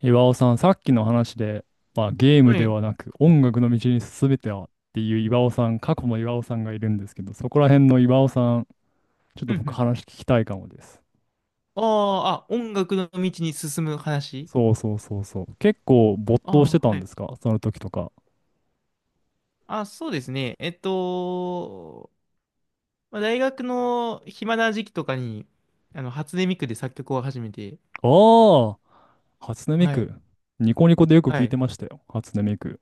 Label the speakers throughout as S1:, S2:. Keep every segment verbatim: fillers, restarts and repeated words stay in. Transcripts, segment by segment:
S1: 岩尾さん、さっきの話で、まあ、ゲーム
S2: は
S1: で
S2: い。
S1: はなく音楽の道に進めてはっていう岩尾さん、過去の岩尾さんがいるんですけど、そこら辺の岩尾さん、ちょっ
S2: う
S1: と
S2: んう
S1: 僕
S2: ん。
S1: 話聞きたいかもです。
S2: あああ、音楽の道に進む話。
S1: そうそうそうそう。結構没頭して
S2: ああ、
S1: たん
S2: は
S1: で
S2: い。
S1: すかその時とか。
S2: あ、そうですね。えっと、まあ、大学の暇な時期とかに、あの、初音ミクで作曲を始めて。
S1: ああ、初音ミ
S2: はい。
S1: ク。ニコニコでよく
S2: は
S1: 聞いて
S2: い。
S1: ましたよ。初音ミク。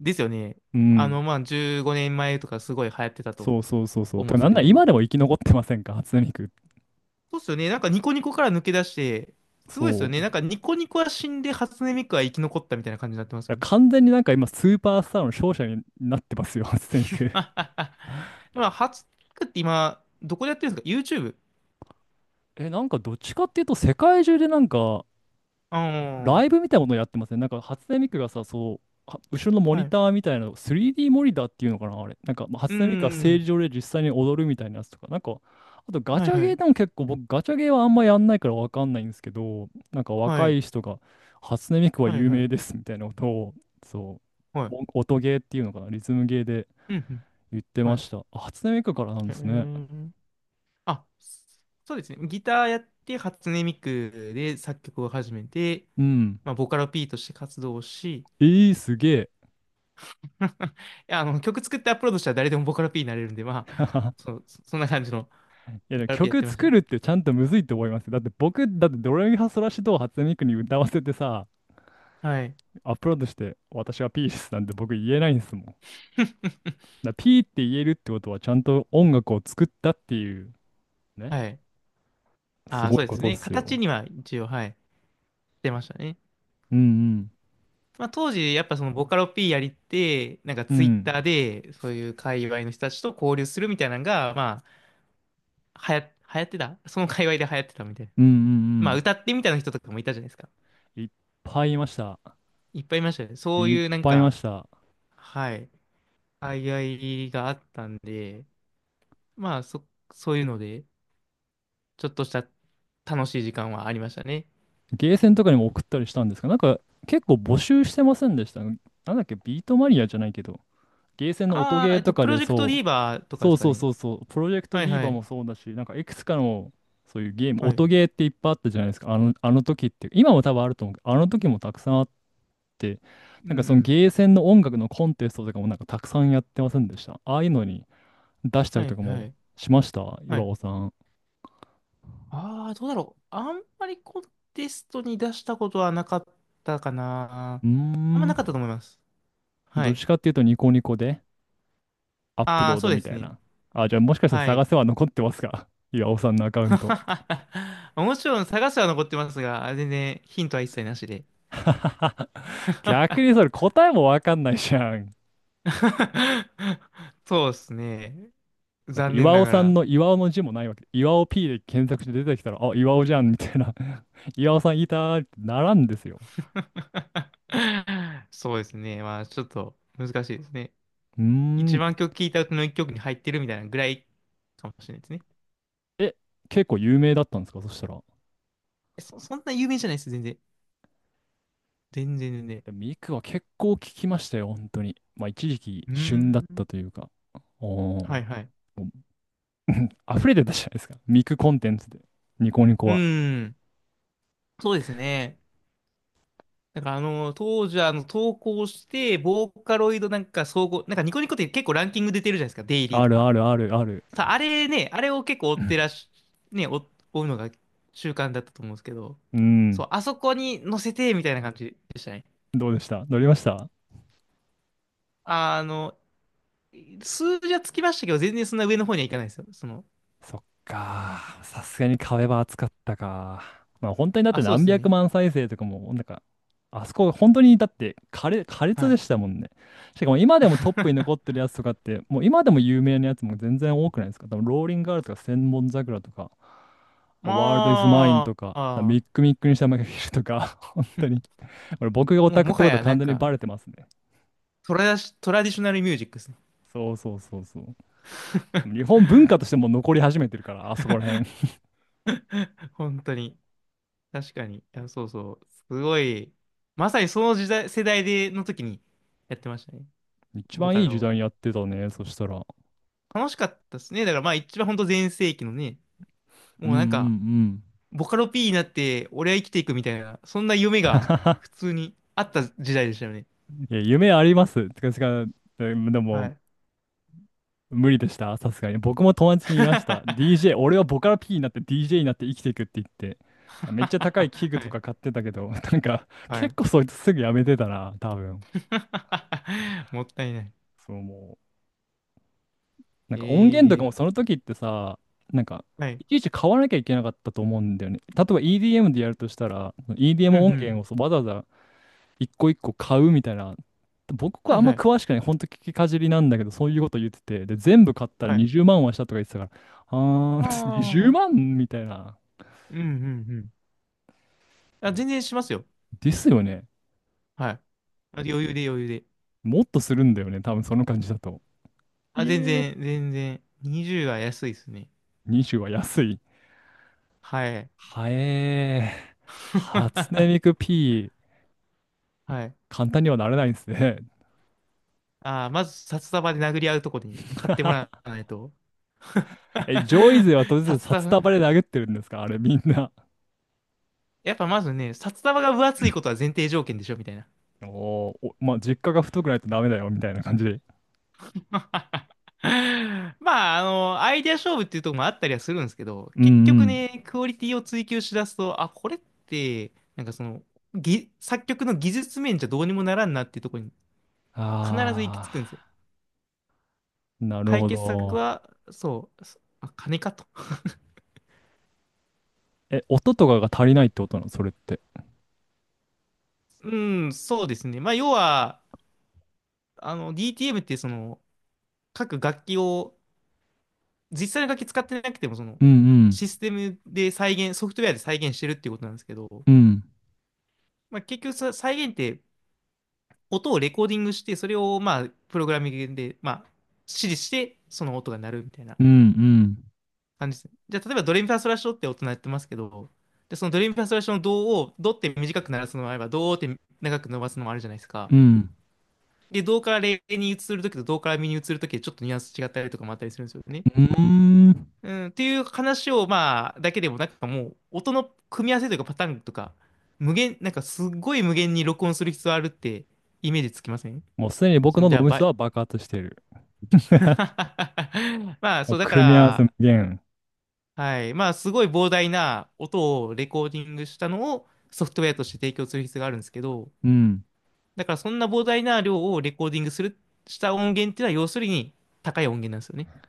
S2: ですよね。
S1: う
S2: あ
S1: ん。
S2: の、まあ、じゅうごねんまえとかすごい流行ってたと
S1: そうそうそうそう。
S2: 思う
S1: て
S2: ん
S1: か、
S2: です
S1: なん
S2: け
S1: なら
S2: ど。
S1: 今でも生き残ってませんか初音ミク。
S2: そうっすよね。なんかニコニコから抜け出して、すごいですよ
S1: そう。
S2: ね。
S1: だ
S2: なん
S1: か
S2: かニコニコは死んで初音ミクは生き残ったみたいな感じになってます
S1: ら
S2: よね。
S1: 完全になんか今スーパースターの勝者になってますよ、初音ミク。
S2: まあ、初音ミクって今、どこでやってるんですか？ YouTube？
S1: え、なんかどっちかっていうと、世界中でなんか、
S2: あ
S1: ライブみたいなものをやってますね。なんか初音ミクがさ、そう、は後ろのモ
S2: あ、は
S1: ニタ
S2: い。
S1: ーみたいなの、スリーディー モニターっていうのかな、あれ。なんか、まあ、
S2: う
S1: 初音ミクがステー
S2: ん。
S1: ジ上で実際に踊るみたいなやつとか、なんか、あとガ
S2: はい
S1: チャ
S2: は
S1: ゲー
S2: い。
S1: でも結構、僕、ガチャゲーはあんまやんないからわかんないんですけど、なんか
S2: は
S1: 若い
S2: い。
S1: 人が、初音ミクは
S2: はい
S1: 有
S2: は
S1: 名
S2: い。
S1: ですみたいなことを、そ
S2: は
S1: う、
S2: い。
S1: お音ゲーっていうのかな、リズムゲーで
S2: うんうん。
S1: 言って
S2: は
S1: ま
S2: い。
S1: した。あ初音ミクからなん
S2: へ
S1: ですね。
S2: え。あ、そうですね。ギターやって、初音ミクで作曲を始めて、
S1: うん。
S2: まあ、ボカロ P として活動をし、い
S1: えー、すげえ。
S2: や、あの、曲作ってアップロードしたら誰でもボカロ P になれるんで、まあ、そう、そそんな感じの
S1: いや
S2: ボ
S1: でも
S2: カロ P やっ
S1: 曲
S2: てました
S1: 作
S2: ね。
S1: るってちゃんとむずいと思いますよ。だって僕、だってドレミファソラシドを初音ミクに歌わせてさ、
S2: はい。
S1: アップロードして私はピースなんて僕言えないんですもん。だからピーって言えるってことはちゃんと音楽を作ったっていうね、
S2: はい。
S1: す
S2: ああ、
S1: ご
S2: そ
S1: い
S2: うで
S1: こ
S2: す
S1: とっ
S2: ね。
S1: す
S2: 形
S1: よ。
S2: には一応、はい、出ましたね。
S1: うん
S2: まあ、当時、やっぱそのボカロ P やりって、なんか
S1: うん。う
S2: ツイッ
S1: ん。
S2: ターで、そういう界隈の人たちと交流するみたいなのが、まあ、はや、流行ってた、その界隈で流行ってたみたいな。
S1: うんう
S2: まあ、
S1: ん
S2: 歌ってみたいな人とかもいたじゃないですか。
S1: うん。いっぱいいました。
S2: いっぱいいましたよね。そう
S1: いっ
S2: いうなん
S1: ぱいいま
S2: か、
S1: した。
S2: はい、界隈があったんで、まあ、そ、そういうので、ちょっとした楽しい時間はありましたね。
S1: ゲーセンとかにも送ったりしたんですが、なんか結構募集してませんでした。なんだっけ、ビートマニアじゃないけど、ゲーセンの音
S2: あ
S1: ゲ
S2: あ、
S1: ー
S2: えっ
S1: と
S2: と、
S1: か
S2: プロ
S1: で
S2: ジェクトリ
S1: そ
S2: ーバー
S1: う、
S2: とかで
S1: そう
S2: すか
S1: そう
S2: ね。
S1: そうそう、プロジェクト
S2: はい
S1: ディー
S2: は
S1: バ
S2: い。
S1: もそうだし、なんかいくつかのそういうゲーム、
S2: はい。
S1: 音ゲーっていっぱいあったじゃないですか、あの、あの時って、今も多分あると思うけど、あの時もたくさんあって、
S2: うん
S1: な
S2: う
S1: んかその
S2: ん。
S1: ゲーセンの音楽のコンテストとかもなんかたくさんやってませんでした。ああいうのに出した
S2: は
S1: りと
S2: い
S1: か
S2: は
S1: も
S2: い。
S1: しました、
S2: は
S1: 岩
S2: い。
S1: 尾さん。
S2: ああ、どうだろう。あんまりコンテストに出したことはなかったかな。
S1: うー
S2: あんまな
S1: ん、
S2: かったと思います。は
S1: どっ
S2: い。
S1: ちかっていうとニコニコでアップ
S2: あ
S1: ロ
S2: あ、
S1: ー
S2: そ
S1: ド
S2: うで
S1: みた
S2: す
S1: い
S2: ね。
S1: な。あ、じゃあもしかしたら
S2: は
S1: 探
S2: い。
S1: せは残ってますか、岩尾さんのアカウント。
S2: もちろん探すは残ってますが、全然ヒントは一切なしで。
S1: 逆にそ れ答えもわかんないじゃん。
S2: そうですね。
S1: だって
S2: 残念
S1: 岩
S2: な
S1: 尾
S2: が
S1: さん
S2: ら。
S1: の岩尾の字もないわけ。岩尾 P で検索して出てきたら、あ、岩尾じゃんみたいな。岩尾さんいたーってならんですよ。
S2: そうですね。まあ、ちょっと難しいですね。
S1: うー
S2: 一
S1: ん。
S2: 番曲聴いた歌の一曲に入ってるみたいなぐらいかもしれないですね。
S1: え、結構有名だったんですかそしたら。
S2: えそ、そんな有名じゃないです、全然。全然全然。
S1: でミクは結構聞きましたよ、本当に。まあ一時期
S2: う
S1: 旬だっ
S2: ーん。
S1: たというか。おー。
S2: はい
S1: も
S2: はい。
S1: う溢れてたじゃないですか。ミクコンテンツで。ニコニコ
S2: う
S1: は。
S2: ーん。そうですね。なんかあの、当時はあの、投稿して、ボーカロイドなんか総合、なんかニコニコって結構ランキング出てるじゃないですか、デイリー
S1: あ
S2: と
S1: る
S2: か。
S1: あるあるある。
S2: さ、あれね、あれを結構追ってらし、ね、追追うのが習慣だったと思うんですけど、
S1: う
S2: そ
S1: ん。
S2: う、あそこに載せて、みたいな感じでしたね。
S1: どうでした乗りました
S2: あの、数字はつきましたけど、全然そんな上の方にはいかないですよ。その、
S1: そっか。さすがに壁は厚かったか。まあ本当にだって
S2: あ、そうで
S1: 何
S2: す
S1: 百
S2: ね。
S1: 万再生とかも、なんか、あそこ本当にだって苛烈、苛烈
S2: は
S1: で
S2: い。
S1: したもんね。しかも今でもトップに残って るやつとかって、もう今でも有名なやつも全然多くないですか。多分ローリンガールとか千本桜とか、ワールドイズマイン
S2: ま
S1: と
S2: あ、
S1: か、ミ
S2: あ
S1: ックミックにしたマイフィルとか、本当に。俺僕がオ
S2: ー、もう
S1: タク
S2: も
S1: って
S2: は
S1: こと
S2: やな
S1: 完
S2: ん
S1: 全にバ
S2: か、
S1: レてますね。
S2: トラシ、トラディショナルミュージックですね。
S1: そうそうそうそう。日 本文化としても残り始めてるから、あそこら辺。
S2: 本当に。確かに。いや、そうそう。すごい。まさにその時代、世代で、の時にやってましたね。
S1: 一
S2: ボ
S1: 番
S2: カ
S1: いい
S2: ロ
S1: 時
S2: を。
S1: 代にやってたね、そしたら。
S2: 楽しかったですね。だからまあ一番本当全盛期のね、
S1: うん
S2: も
S1: う
S2: う
S1: んう
S2: なんか、
S1: ん。
S2: ボカロ P になって俺は生きていくみたいな、そんな夢が 普通にあった時代でしたよね。
S1: いや、夢あります。てか、てかでで
S2: は
S1: も、
S2: い。
S1: 無理でした、さすがに。僕も友達 に言いました。ディージェー、
S2: は
S1: 俺はボカロ P になって ディージェー になって生きていくって言って。めっちゃ高い器具とか買っ
S2: い。
S1: てたけど、なんか、
S2: は
S1: 結
S2: い。
S1: 構そいつすぐやめてたな、多分。
S2: もったいない。
S1: そうもう。なんか音源と
S2: え
S1: かもそ
S2: ー、
S1: の時ってさ、なんか、
S2: はい。
S1: いちいち買わなきゃいけなかったと思うんだよね。例えば イーディーエム でやるとしたら、
S2: うんう
S1: イーディーエム 音
S2: ん。
S1: 源をそうわざわざ一個一個買うみたいな。僕
S2: は
S1: はあ
S2: い
S1: んま
S2: はい。
S1: 詳しくない。ほんと聞きかじりなんだけど、そういうこと言ってて。で、全部買ったら
S2: はい。
S1: にじゅうまんはしたとか言ってたから、あ
S2: あ
S1: ー にじゅうまん、
S2: あ。
S1: にじゅうまんみたいな。
S2: うんうんうん。あ、
S1: いや
S2: 全然しますよ。
S1: ですよね。
S2: はい。あ、余裕で余裕で。
S1: もっとするんだよね。多分その感じだと。
S2: あ、
S1: いえ
S2: 全
S1: ー、
S2: 然、全然。にじゅうは安いですね。
S1: にじゅうは安い。
S2: はい。
S1: はえー、初音 ミク P、
S2: はい。
S1: 簡単にはなれないんですね。
S2: あー、まず札束で殴り合うとこに買ってもら わないと。
S1: え、ジョイ勢は当
S2: 札
S1: 然札
S2: 束、
S1: 束で殴ってるんですかあれみんな。
S2: やっぱまずね、札束が分厚いことは前提条件でしょ、みたいな。
S1: おーお、まあ、実家が太くないとダメだよ、みたいな感じで。
S2: まあ、あの、アイデア勝負っていうところもあったりはするんですけど、
S1: うん
S2: 結
S1: う
S2: 局
S1: ん。
S2: ね、クオリティを追求しだすと、あ、これって、なんかその、ぎ、作曲の技術面じゃどうにもならんなっていうところに必ず行き
S1: あ
S2: 着くんですよ。
S1: あ、なる
S2: 解
S1: ほ
S2: 決策
S1: ど。
S2: は、そう、そあ、金かと。
S1: え、音とかが足りないってことなのそれって。
S2: うん、そうですね。まあ、要は、あの、ディーティーエム ってその、各楽器を、実際の楽器使ってなくても、その、
S1: うん
S2: システムで再現、ソフトウェアで再現してるっていうことなんですけど、
S1: うん。うん。
S2: まあ、結局さ、再現って音をレコーディングして、それをまあ、プログラミングで、まあ、指示して、その音が鳴るみたいな
S1: うん
S2: 感じですね。じゃあ、例えばドレミファソラシドって音鳴ってますけど、で、そのドレミファソラシドのドを、ドって短く鳴らすのもあれば、ドーって長く伸ばすのもあるじゃないですか。
S1: うん。うん。
S2: で、ドからレに移るときとドからミに移るときでちょっとニュアンス違ったりとかもあったりするんですよね。
S1: うーん。
S2: うん、っていう話を、まあ、だけでも、なんかもう、音の組み合わせというかパターンとか、無限、なんかすっごい無限に録音する必要あるってイメージつきません？
S1: もうすでに僕
S2: その、
S1: の
S2: じ
S1: 脳
S2: ゃあ、
S1: み
S2: バ
S1: そ
S2: イ、
S1: は爆発してる。
S2: まあ、
S1: もう
S2: そう、だか
S1: 組み合わせ無
S2: ら、
S1: 限。
S2: はい。まあ、すごい膨大な音をレコーディングしたのをソフトウェアとして提供する必要があるんですけど、
S1: うん。
S2: だからそんな膨大な量をレコーディングする、した音源っていうのは要するに高い音源なんですよね。だか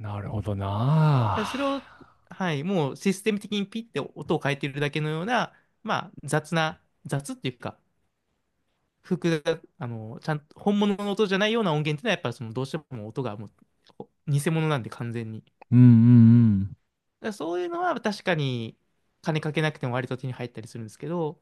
S1: なるほどな
S2: らそれを、
S1: あ。
S2: はい、もうシステム的にピッて音を変えてるだけのような、まあ、雑な、雑っていうか、複雑、あの、ちゃんと本物の音じゃないような音源っていうのはやっぱりそのどうしても音がもう偽物なんで完全に。
S1: うんうんうん。
S2: らそういうのは確かに金かけなくても割と手に入ったりするんですけど、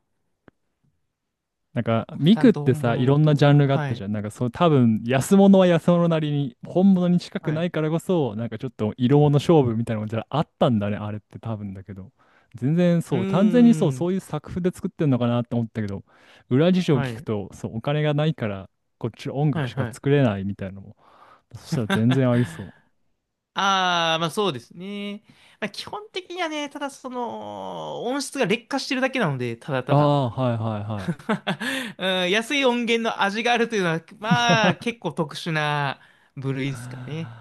S1: なんか、ミ
S2: ちゃ
S1: ク
S2: ん
S1: っ
S2: と
S1: て
S2: 本
S1: さ、
S2: 物
S1: い
S2: の
S1: ろんなジ
S2: と、
S1: ャンルがあっ
S2: は
S1: たじ
S2: い、
S1: ゃん。なんか、そう、多分、安物は安物なりに、本物に近く
S2: は
S1: な
S2: い。
S1: いからこそ、なんかちょっと色物勝負みたいなのがじゃああったんだね、あれって多分だけど。全然
S2: うー
S1: そう、完全にそう、そ
S2: ん、
S1: ういう作風で作ってんのかなって思ったけど、裏事情を
S2: は
S1: 聞く
S2: い、
S1: と、そう、お金がないから、こっちの音
S2: は
S1: 楽
S2: い、
S1: しか
S2: はい。
S1: 作れないみたいなのも、そしたら 全然ありそう。
S2: ああ、まあそうですね。まあ、基本的にはね、ただその、音質が劣化してるだけなので、ただ
S1: あ
S2: ただ。
S1: あ、はいはい
S2: うん、安い音源の味があるというのは、まあ
S1: は
S2: 結構特殊な部類ですかね。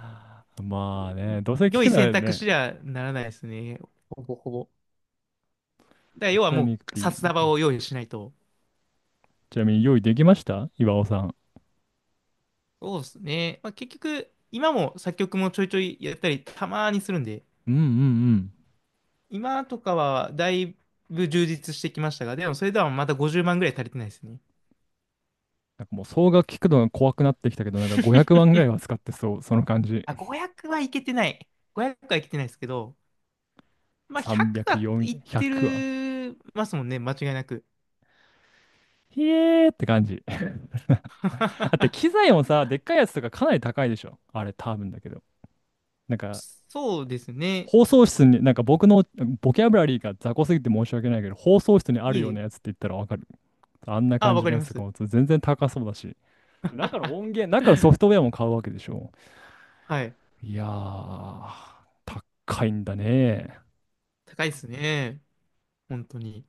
S1: い。まあね、どうせ聞
S2: 良
S1: く
S2: い
S1: な
S2: 選
S1: ら
S2: 択
S1: ね、
S2: 肢にはならないですね。ほぼほぼ。だから要は
S1: 初音
S2: も
S1: ミク
S2: う、
S1: ピ
S2: 札
S1: ー、
S2: 束を用意しないと。
S1: ちなみに用意できました岩尾さん。
S2: そうですね。まあ、結局、今も作曲もちょいちょいやったり、たまにするんで、
S1: うんうんうん。
S2: 今とかはだいぶ充実してきましたが、でもそれではまたごじゅうまんぐらい足りてないですね。
S1: なんかもう総額聞くのが怖くなってきたけど、なんかごひゃくまんぐらいは使ってそう、その感じ。
S2: あ、ごひゃくはいけてない。ごひゃくはいけてないですけど、まあ、ひゃく
S1: さんびゃく、
S2: はいって
S1: よんひゃくは。
S2: るますもんね、間違いなく。
S1: ひえーって感じ。だって 機材もさ、でっかいやつとかかなり高いでしょ。あれ多分だけど。なんか
S2: そうですね。
S1: 放送室に、なんか僕のボキャブラリーが雑魚すぎて申し訳ないけど、放送室にある
S2: い
S1: よう
S2: え。
S1: なやつって言ったらわかる。あんな
S2: あ、
S1: 感
S2: わ
S1: じ
S2: か
S1: の
S2: り
S1: や
S2: ま
S1: つとか
S2: す。
S1: も全然高そうだし。中の音 源、中のソフトウェアも買うわけでしょ。
S2: はい。
S1: いやー、高いんだね。
S2: 高いですね。本当に。